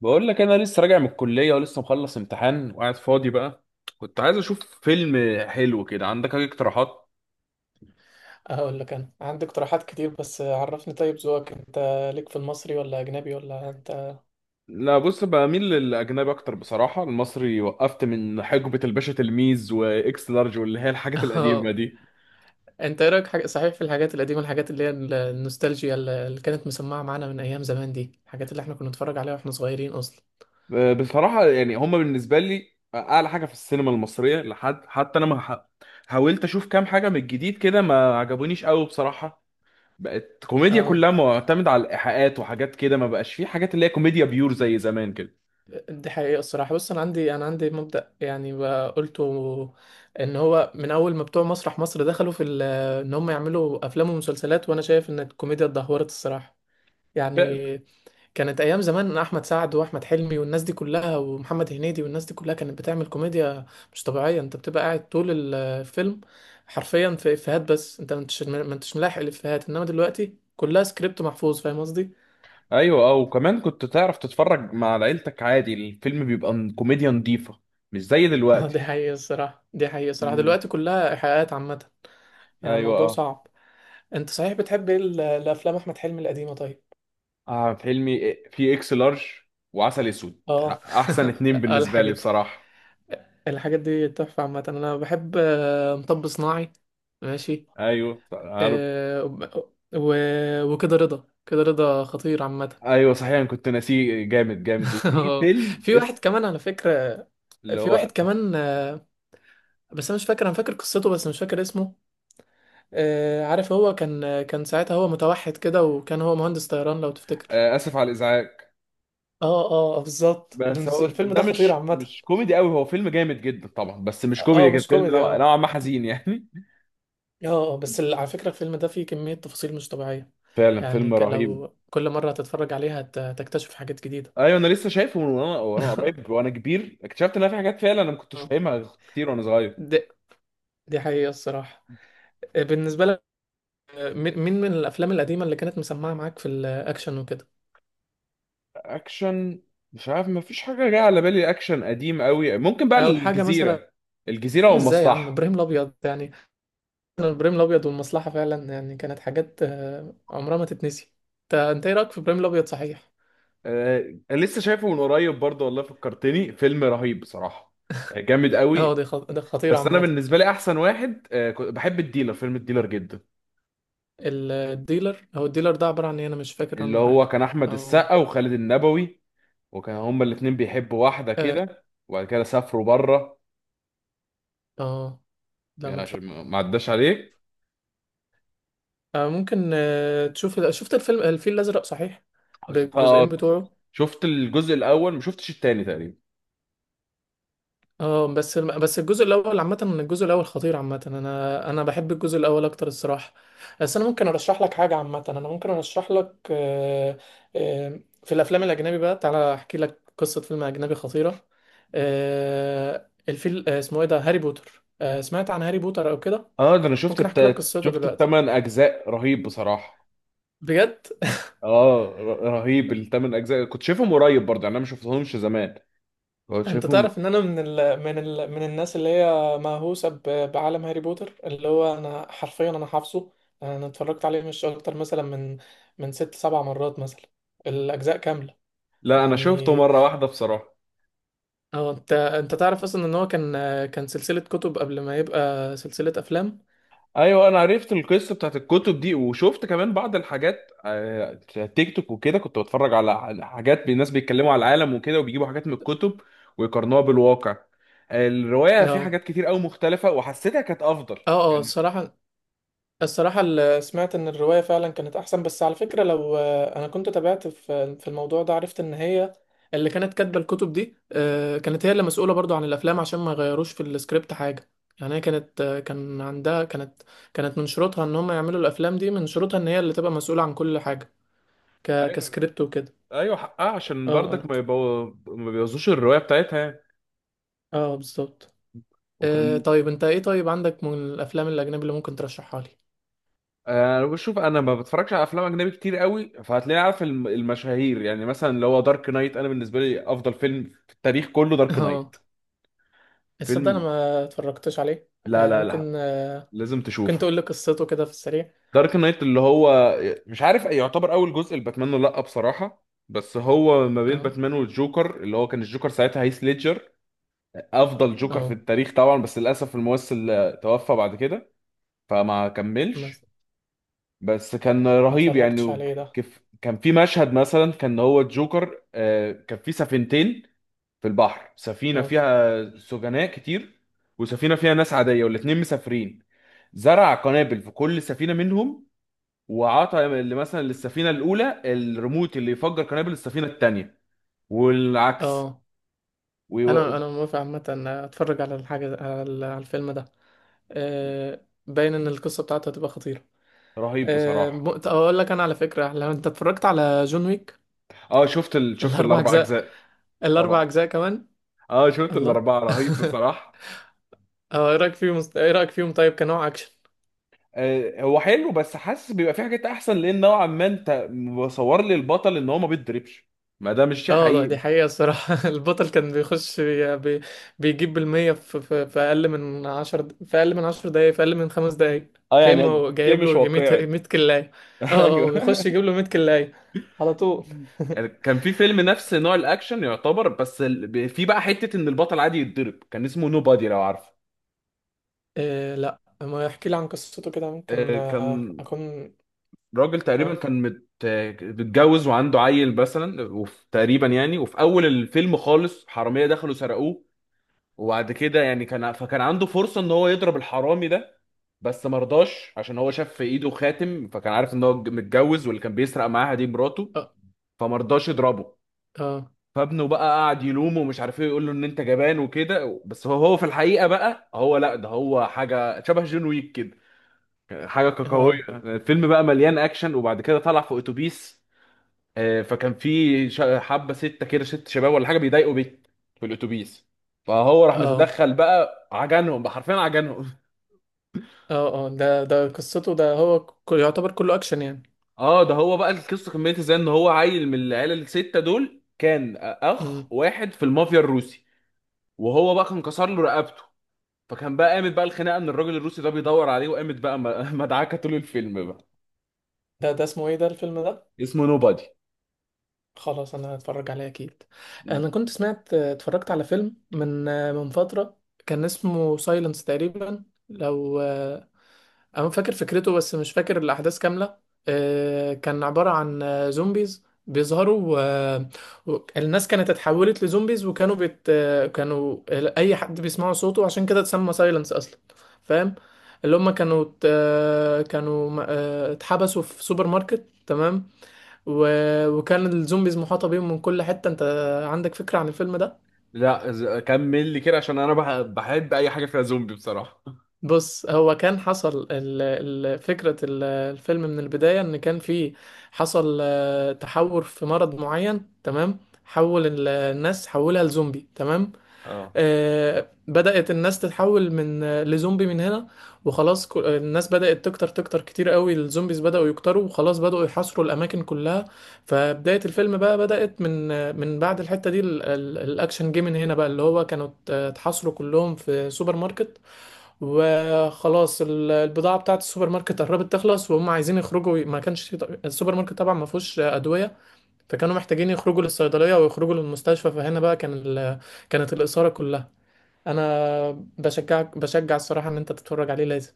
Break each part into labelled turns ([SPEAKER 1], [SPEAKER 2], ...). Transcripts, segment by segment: [SPEAKER 1] بقول لك انا لسه راجع من الكليه ولسه مخلص امتحان وقاعد فاضي بقى. كنت عايز اشوف فيلم حلو كده، عندك اي اقتراحات؟
[SPEAKER 2] هقول لك انا عندي اقتراحات كتير، بس عرفني طيب ذوقك انت، ليك في المصري ولا اجنبي ولا انت؟
[SPEAKER 1] لا بص، بميل للاجنبي اكتر بصراحه. المصري وقفت من حقبه الباشا تلميذ واكس لارج واللي هي الحاجات القديمه
[SPEAKER 2] اه،
[SPEAKER 1] دي.
[SPEAKER 2] انت ايه رايك حاجة صحيح في الحاجات القديمه، الحاجات اللي هي النوستالجيا اللي كانت مسمعه معانا من ايام زمان دي، الحاجات اللي احنا كنا نتفرج عليها واحنا صغيرين اصلا.
[SPEAKER 1] بصراحه يعني هما بالنسبه لي اعلى حاجه في السينما المصريه لحد حتى انا ما ح- حاولت اشوف كام حاجه من الجديد كده ما عجبونيش قوي بصراحه. بقت كوميديا
[SPEAKER 2] اه،
[SPEAKER 1] كلها معتمدة على الإيحاءات وحاجات كده، ما بقاش فيه حاجات اللي هي كوميديا بيور زي زمان كده.
[SPEAKER 2] دي حقيقه الصراحه. بص انا عندي مبدا يعني بقى قلته، ان هو من اول ما بتوع مسرح مصر دخلوا في ان هم يعملوا افلام ومسلسلات، وانا شايف ان الكوميديا اتدهورت الصراحه. يعني كانت ايام زمان إن احمد سعد واحمد حلمي والناس دي كلها ومحمد هنيدي والناس دي كلها كانت بتعمل كوميديا مش طبيعيه، انت بتبقى قاعد طول الفيلم حرفيا في افيهات، بس انت ما انتش ملاحق الافيهات، انما دلوقتي كلها سكريبت محفوظ، فاهم قصدي؟
[SPEAKER 1] ايوه او كمان كنت تعرف تتفرج مع عيلتك عادي، الفيلم بيبقى كوميديا نظيفه، مش زي
[SPEAKER 2] اه،
[SPEAKER 1] دلوقتي.
[SPEAKER 2] دي حقيقه الصراحه.
[SPEAKER 1] مم.
[SPEAKER 2] دلوقتي كلها ايحاءات عامه. يعني
[SPEAKER 1] ايوه
[SPEAKER 2] الموضوع
[SPEAKER 1] اه.
[SPEAKER 2] صعب. انت صحيح بتحب ايه الافلام احمد حلمي القديمه طيب؟
[SPEAKER 1] فيلمي إيه، في اكس لارج وعسل اسود،
[SPEAKER 2] اه.
[SPEAKER 1] احسن اتنين
[SPEAKER 2] آه،
[SPEAKER 1] بالنسبه لي
[SPEAKER 2] الحاجات دي
[SPEAKER 1] بصراحه.
[SPEAKER 2] الحاجات دي تحفه عامه. انا بحب مطب صناعي. ماشي.
[SPEAKER 1] ايوه عارف.
[SPEAKER 2] آه، و... وكده رضا كده رضا خطير عامة.
[SPEAKER 1] ايوه صحيح، أنا كنت ناسيه، جامد جامد. وفي فيلم
[SPEAKER 2] في واحد
[SPEAKER 1] اس،
[SPEAKER 2] كمان على فكرة،
[SPEAKER 1] اللي
[SPEAKER 2] في
[SPEAKER 1] هو
[SPEAKER 2] واحد كمان آه، بس أنا مش فاكر، أنا فاكر قصته بس مش فاكر اسمه. عارف، هو كان ساعتها هو متوحد كده، وكان هو مهندس طيران لو تفتكر.
[SPEAKER 1] اسف على الازعاج.
[SPEAKER 2] اه، اه، بالظبط،
[SPEAKER 1] بس هو
[SPEAKER 2] الفيلم
[SPEAKER 1] ده
[SPEAKER 2] ده خطير
[SPEAKER 1] مش
[SPEAKER 2] عامة.
[SPEAKER 1] مش كوميدي قوي، هو فيلم جامد جدا طبعا بس مش كوميدي،
[SPEAKER 2] اه،
[SPEAKER 1] كان
[SPEAKER 2] مش
[SPEAKER 1] فيلم
[SPEAKER 2] كوميدي، اه.
[SPEAKER 1] نوعا ما حزين يعني.
[SPEAKER 2] اه، بس على فكرة الفيلم ده فيه كمية تفاصيل مش طبيعية.
[SPEAKER 1] فعلا
[SPEAKER 2] يعني،
[SPEAKER 1] فيلم رهيب.
[SPEAKER 2] لو كل مرة هتتفرج عليها هتكتشف حاجات جديدة.
[SPEAKER 1] ايوه انا لسه شايفه من وانا قريب وانا كبير اكتشفت ان في حاجات فعلا انا ما كنتش
[SPEAKER 2] آه.
[SPEAKER 1] فاهمها كتير وانا صغير.
[SPEAKER 2] دي حقيقة الصراحة. بالنسبة لك، مين من الأفلام القديمة اللي كانت مسمعة معاك في الأكشن وكده؟
[SPEAKER 1] اكشن، مش عارف، ما فيش حاجه جايه على بالي. اكشن قديم قوي ممكن بقى
[SPEAKER 2] أو حاجة مثلا.
[SPEAKER 1] الجزيره. الجزيره
[SPEAKER 2] عم، إزاي يا عم!
[SPEAKER 1] والمصلحه.
[SPEAKER 2] إبراهيم الأبيض يعني. إبراهيم الأبيض والمصلحة فعلا، يعني كانت حاجات عمرها ما تتنسي. أنت إيه رأيك في إبراهيم الأبيض، صحيح؟
[SPEAKER 1] أه لسه شايفه من قريب برضه، والله فكرتني، فيلم رهيب بصراحه. جامد
[SPEAKER 2] أه،
[SPEAKER 1] قوي.
[SPEAKER 2] ده خطير
[SPEAKER 1] بس انا
[SPEAKER 2] عامة.
[SPEAKER 1] بالنسبه لي احسن واحد أه، كنت بحب الديلر، فيلم الديلر جدا.
[SPEAKER 2] الديلر، هو الديلر ده عبارة عن إيه؟ أنا مش فاكر
[SPEAKER 1] اللي
[SPEAKER 2] عنه
[SPEAKER 1] هو
[SPEAKER 2] حاجة.
[SPEAKER 1] كان احمد
[SPEAKER 2] أو.
[SPEAKER 1] السقا وخالد النبوي، وكان هما الاتنين بيحبوا واحده
[SPEAKER 2] أه،
[SPEAKER 1] كده وبعد كده سافروا بره،
[SPEAKER 2] أه. لا.
[SPEAKER 1] يعني
[SPEAKER 2] ما تف...
[SPEAKER 1] عشان ما عداش عليك.
[SPEAKER 2] ممكن آه، تشوف شفت الفيلم الفيل الأزرق، صحيح؟
[SPEAKER 1] آه،
[SPEAKER 2] بالجزئين بتوعه.
[SPEAKER 1] شفت الجزء الاول، ما شفتش التاني تقريبا.
[SPEAKER 2] اه، بس الجزء الاول عامه، الجزء الاول خطير عامه، انا بحب الجزء الاول اكتر الصراحه. بس انا ممكن ارشح لك حاجه عامه. انا ممكن ارشح لك آه، آه، في الافلام الاجنبي بقى، تعالى احكي لك قصه فيلم اجنبي خطيره. آه، الفيل آه، اسمه ايه ده، هاري بوتر، سمعت عن هاري بوتر او كده؟
[SPEAKER 1] اه ده انا
[SPEAKER 2] ممكن احكي لك قصته
[SPEAKER 1] شفت
[SPEAKER 2] دلوقتي؟
[SPEAKER 1] الثمان اجزاء، رهيب بصراحه.
[SPEAKER 2] بجد؟
[SPEAKER 1] اه، رهيب الثمان اجزاء، كنت شايفهم قريب برضه يعني، انا ما شفتهمش زمان، كنت
[SPEAKER 2] انت
[SPEAKER 1] شايفهم.
[SPEAKER 2] تعرف ان انا من الناس اللي هي مهووسه بعالم هاري بوتر، اللي هو انا حرفيا، انا حافظه. انا اتفرجت عليه مش اكتر مثلا من ست سبع مرات مثلا، الاجزاء كامله.
[SPEAKER 1] لا انا
[SPEAKER 2] يعني.
[SPEAKER 1] شفته مره واحده بصراحه.
[SPEAKER 2] اه، انت تعرف اصلا ان هو كان سلسله كتب قبل ما يبقى سلسله افلام.
[SPEAKER 1] ايوه انا عرفت القصه بتاعت الكتب دي، وشفت كمان بعض الحاجات تيك توك وكده، كنت بتفرج على حاجات الناس بيتكلموا على العالم وكده، وبيجيبوا حاجات من الكتب ويقارنوها بالواقع. الروايه فيها
[SPEAKER 2] اه،
[SPEAKER 1] حاجات كتير قوي مختلفه وحسيتها كانت افضل
[SPEAKER 2] اه، اه،
[SPEAKER 1] يعني.
[SPEAKER 2] الصراحه. الصراحة سمعت إن الرواية فعلا كانت أحسن، بس على فكرة لو أنا كنت تابعت في الموضوع ده عرفت إن هي اللي كانت كاتبة الكتب دي، كانت هي اللي مسؤولة برضو عن الأفلام عشان ما يغيروش في السكريبت حاجة. يعني هي كانت آه، كان عندها. كانت كانت من شروطها إن هم يعملوا الأفلام دي، من شروطها إن هي اللي تبقى مسؤولة عن كل حاجة،
[SPEAKER 1] ايوه،
[SPEAKER 2] كسكريبت وكده.
[SPEAKER 1] ايوه حقها عشان
[SPEAKER 2] اه،
[SPEAKER 1] برضك
[SPEAKER 2] اه،
[SPEAKER 1] ما بيبوظوش الروايه بتاعتها يعني.
[SPEAKER 2] اه، بالظبط.
[SPEAKER 1] وكان،
[SPEAKER 2] طيب أنت، إيه طيب عندك من الأفلام الأجنبي اللي ممكن ترشحها لي؟
[SPEAKER 1] انا بشوف، انا ما بتفرجش على افلام اجنبي كتير قوي، فهتلاقيني عارف المشاهير يعني، مثلا اللي هو دارك نايت، انا بالنسبه لي افضل فيلم في التاريخ كله دارك
[SPEAKER 2] اه،
[SPEAKER 1] نايت.
[SPEAKER 2] تصدق أنا
[SPEAKER 1] فيلم،
[SPEAKER 2] ما اتفرجتش عليه.
[SPEAKER 1] لا لا لا،
[SPEAKER 2] ممكن
[SPEAKER 1] لازم
[SPEAKER 2] كنت
[SPEAKER 1] تشوفه.
[SPEAKER 2] اقول لك قصته كده في السريع.
[SPEAKER 1] دارك نايت اللي هو، مش عارف يعتبر اول جزء لباتمان ولا لا بصراحه، بس هو ما بين
[SPEAKER 2] اه،
[SPEAKER 1] باتمان والجوكر، اللي هو كان الجوكر ساعتها هيث ليدجر، افضل جوكر في
[SPEAKER 2] اه،
[SPEAKER 1] التاريخ طبعا، بس للاسف الممثل توفى بعد كده فما
[SPEAKER 2] ما
[SPEAKER 1] كملش، بس كان
[SPEAKER 2] ما
[SPEAKER 1] رهيب
[SPEAKER 2] اتفرجتش
[SPEAKER 1] يعني.
[SPEAKER 2] عليه ده.
[SPEAKER 1] كيف كان في مشهد مثلا، كان هو الجوكر كان في سفينتين في البحر، سفينه
[SPEAKER 2] اه،
[SPEAKER 1] فيها سجناء كتير وسفينه فيها ناس عاديه، والاتنين مسافرين. زرع قنابل في كل سفينه منهم، وعطى اللي مثلا للسفينه الاولى الريموت اللي يفجر قنابل السفينه الثانيه والعكس.
[SPEAKER 2] اه،
[SPEAKER 1] وي-
[SPEAKER 2] انا موافق عامه. اتفرج على الحاجه، على الفيلم ده. آه، باين ان القصه بتاعته هتبقى خطيره.
[SPEAKER 1] رهيب بصراحه.
[SPEAKER 2] اقول لك انا على فكره، لو انت اتفرجت على جون ويك؟
[SPEAKER 1] اه شفت
[SPEAKER 2] الاربع
[SPEAKER 1] الاربع
[SPEAKER 2] اجزاء،
[SPEAKER 1] اجزاء،
[SPEAKER 2] الاربع
[SPEAKER 1] طبعا.
[SPEAKER 2] اجزاء كمان.
[SPEAKER 1] اه شفت
[SPEAKER 2] الله.
[SPEAKER 1] الاربعه، رهيب بصراحه.
[SPEAKER 2] اه، ايه رايك فيهم طيب، كنوع اكشن؟
[SPEAKER 1] آه هو حلو بس حاسس بيبقى في حاجات احسن، لان نوعا ما انت مصور لي البطل ان هو ما بيتضربش، ما ده مش شيء
[SPEAKER 2] اه، ده
[SPEAKER 1] حقيقي.
[SPEAKER 2] دي حقيقة الصراحة. البطل كان بيخش، بي بي بيجيب بالمية، في أقل من عشر في أقل من 10 دقايق، في أقل من 5 دقايق.
[SPEAKER 1] اه،
[SPEAKER 2] تلاقيه، ما
[SPEAKER 1] يعني
[SPEAKER 2] هو
[SPEAKER 1] شيء
[SPEAKER 2] جايب
[SPEAKER 1] مش
[SPEAKER 2] له مية
[SPEAKER 1] واقعي.
[SPEAKER 2] مية كلاية. اه، اه،
[SPEAKER 1] ايوه.
[SPEAKER 2] بيخش يجيب له مية كلاية على طول.
[SPEAKER 1] يعني كان في فيلم نفس نوع الاكشن يعتبر، بس في بقى حته ان البطل عادي يتضرب، كان اسمه نو بادي، لو عارفه.
[SPEAKER 2] إيه؟ لا، ما يحكي لي عن قصته كده ممكن
[SPEAKER 1] كان
[SPEAKER 2] أكون.
[SPEAKER 1] راجل تقريبا
[SPEAKER 2] اه،
[SPEAKER 1] كان مت... آه، متجوز وعنده عيل مثلا، وفي تقريبا يعني، وفي اول الفيلم خالص حراميه دخلوا سرقوه، وبعد كده يعني كان، فكان عنده فرصه ان هو يضرب الحرامي ده، بس ما رضاش عشان هو شاف في ايده خاتم، فكان عارف ان هو متجوز واللي كان بيسرق معاها دي مراته،
[SPEAKER 2] اه،
[SPEAKER 1] فما رضاش يضربه.
[SPEAKER 2] اه،
[SPEAKER 1] فابنه بقى قعد يلومه ومش عارف ايه، يقول له ان انت جبان وكده، بس هو هو في الحقيقه بقى، هو لا، ده هو حاجه شبه جون ويك، حاجه قويه.
[SPEAKER 2] اه،
[SPEAKER 1] الفيلم بقى مليان اكشن، وبعد كده طلع في اتوبيس فكان في حبه سته كده، ست شباب ولا حاجه بيضايقوا بيت في الاتوبيس، فهو راح
[SPEAKER 2] اه، اه،
[SPEAKER 1] متدخل بقى عجنهم بقى، حرفيا عجنهم.
[SPEAKER 2] اه. آه. ده قصته، ده هو يعتبر كله أكشن يعني.
[SPEAKER 1] اه ده هو بقى، القصه كملت ازاي، ان هو عيل من العيله السته دول كان
[SPEAKER 2] مم.
[SPEAKER 1] اخ واحد في المافيا الروسي، وهو بقى كان كسر له رقبته، فكان بقى قامت بقى الخناقه ان الراجل الروسي ده بيدور عليه، وقامت بقى مدعكه طول الفيلم بقى.
[SPEAKER 2] ده اسمه ايه ده، الفيلم ده؟
[SPEAKER 1] اسمه نوبادي.
[SPEAKER 2] خلاص، انا هتفرج عليه اكيد. انا كنت اتفرجت على فيلم من فترة، كان اسمه سايلنس تقريبا، لو انا فاكر فكرته بس مش فاكر الاحداث كاملة. كان عبارة عن زومبيز بيظهروا، الناس كانت اتحولت لزومبيز، وكانوا بيت آه، كانوا اي حد بيسمعوا صوته عشان كده اتسمى سايلنس اصلا، فاهم؟ اللي هم كانوا كانوا اتحبسوا في سوبر ماركت، تمام. و... وكان الزومبيز محاطة بيهم من كل حتة. انت عندك فكرة عن الفيلم ده؟
[SPEAKER 1] لا كمل لي كده عشان انا بحب اي حاجه فيها زومبي بصراحه.
[SPEAKER 2] بص، هو كان حصل فكرة الفيلم من البداية، ان كان في، حصل تحور في مرض معين، تمام، حول الناس حولها لزومبي، تمام.
[SPEAKER 1] اه.
[SPEAKER 2] بدأت الناس تتحول من لزومبي من هنا، وخلاص، الناس بدأت تكتر تكتر كتير قوي، الزومبيز بدأوا يكتروا، وخلاص بدأوا يحاصروا الأماكن كلها. فبداية الفيلم بقى بدأت من بعد الحتة دي، الأكشن جه من هنا بقى، اللي هو كانوا اتحاصروا كلهم في سوبر ماركت، وخلاص، البضاعة بتاعة السوبر ماركت قربت تخلص، وهم عايزين يخرجوا. ما كانش السوبر ماركت طبعا ما فيهوش أدوية، فكانوا محتاجين يخرجوا للصيدلية ويخرجوا للمستشفى. فهنا بقى كان كانت الإثارة كلها. انا بشجع الصراحه ان انت تتفرج عليه لازم.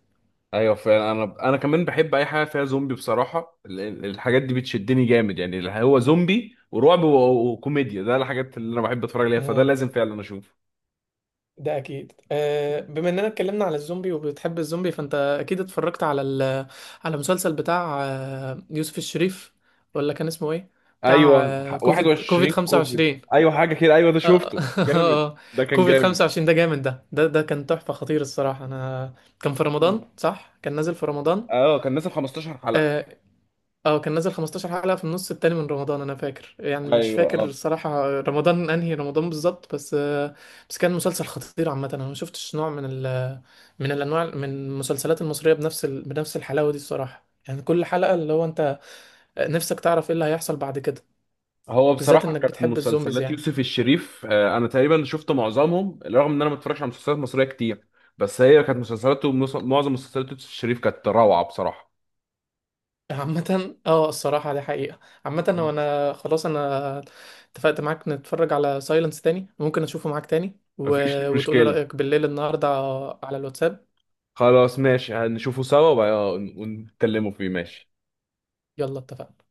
[SPEAKER 1] ايوه فعلا، انا كمان بحب اي حاجه فيها زومبي بصراحه، الحاجات دي بتشدني جامد يعني، اللي هو زومبي ورعب وكوميديا، ده الحاجات اللي انا بحب اتفرج عليها، فده
[SPEAKER 2] اه
[SPEAKER 1] لازم فعلا اشوفه.
[SPEAKER 2] ده اكيد. بما اننا اتكلمنا على الزومبي وبتحب الزومبي، فانت اكيد اتفرجت على على مسلسل بتاع يوسف الشريف، ولا كان اسمه ايه؟ بتاع
[SPEAKER 1] ايوه
[SPEAKER 2] كوفيد
[SPEAKER 1] 21 كوفيد،
[SPEAKER 2] 25.
[SPEAKER 1] ايوه حاجه كده، ايوه ده
[SPEAKER 2] آه،
[SPEAKER 1] شفته، جامد.
[SPEAKER 2] آه،
[SPEAKER 1] ده كان
[SPEAKER 2] كوفيد
[SPEAKER 1] جامد.
[SPEAKER 2] 25 ده جامد، ده كان تحفة خطير الصراحة. انا. كان في
[SPEAKER 1] مم.
[SPEAKER 2] رمضان، صح؟ كان نازل في رمضان.
[SPEAKER 1] اه كان نازل 15 حلقه.
[SPEAKER 2] آه، اه، كان نزل 15 حلقة في النص التاني من رمضان، انا فاكر يعني، مش
[SPEAKER 1] ايوه
[SPEAKER 2] فاكر
[SPEAKER 1] اه.
[SPEAKER 2] الصراحة رمضان انهي رمضان بالظبط بس. بس كان مسلسل خطير عامة، انا ما شفتش نوع من الانواع من المسلسلات المصرية بنفس بنفس الحلاوة دي الصراحة، يعني كل حلقة اللي هو انت نفسك تعرف ايه اللي هيحصل بعد كده.
[SPEAKER 1] هو
[SPEAKER 2] بالذات
[SPEAKER 1] بصراحة
[SPEAKER 2] انك
[SPEAKER 1] كانت
[SPEAKER 2] بتحب الزومبيز
[SPEAKER 1] مسلسلات
[SPEAKER 2] يعني.
[SPEAKER 1] يوسف الشريف، أنا تقريبا شفت معظمهم، رغم إن أنا ما بتفرجش على مسلسلات مصرية كتير. بس هي كانت مسلسلاته، معظم مسلسلات يوسف الشريف كانت روعة بصراحة.
[SPEAKER 2] عامة اه، الصراحة دي حقيقة. عامة
[SPEAKER 1] مم.
[SPEAKER 2] وانا خلاص، انا اتفقت معاك، نتفرج على سايلنس تاني، ممكن اشوفه معاك تاني،
[SPEAKER 1] مفيش
[SPEAKER 2] وتقولي
[SPEAKER 1] مشكلة،
[SPEAKER 2] رأيك بالليل النهاردة على الواتساب.
[SPEAKER 1] خلاص ماشي، هنشوفه سوا وبقى ونتكلموا فيه، ماشي.
[SPEAKER 2] يلا، اتفقنا.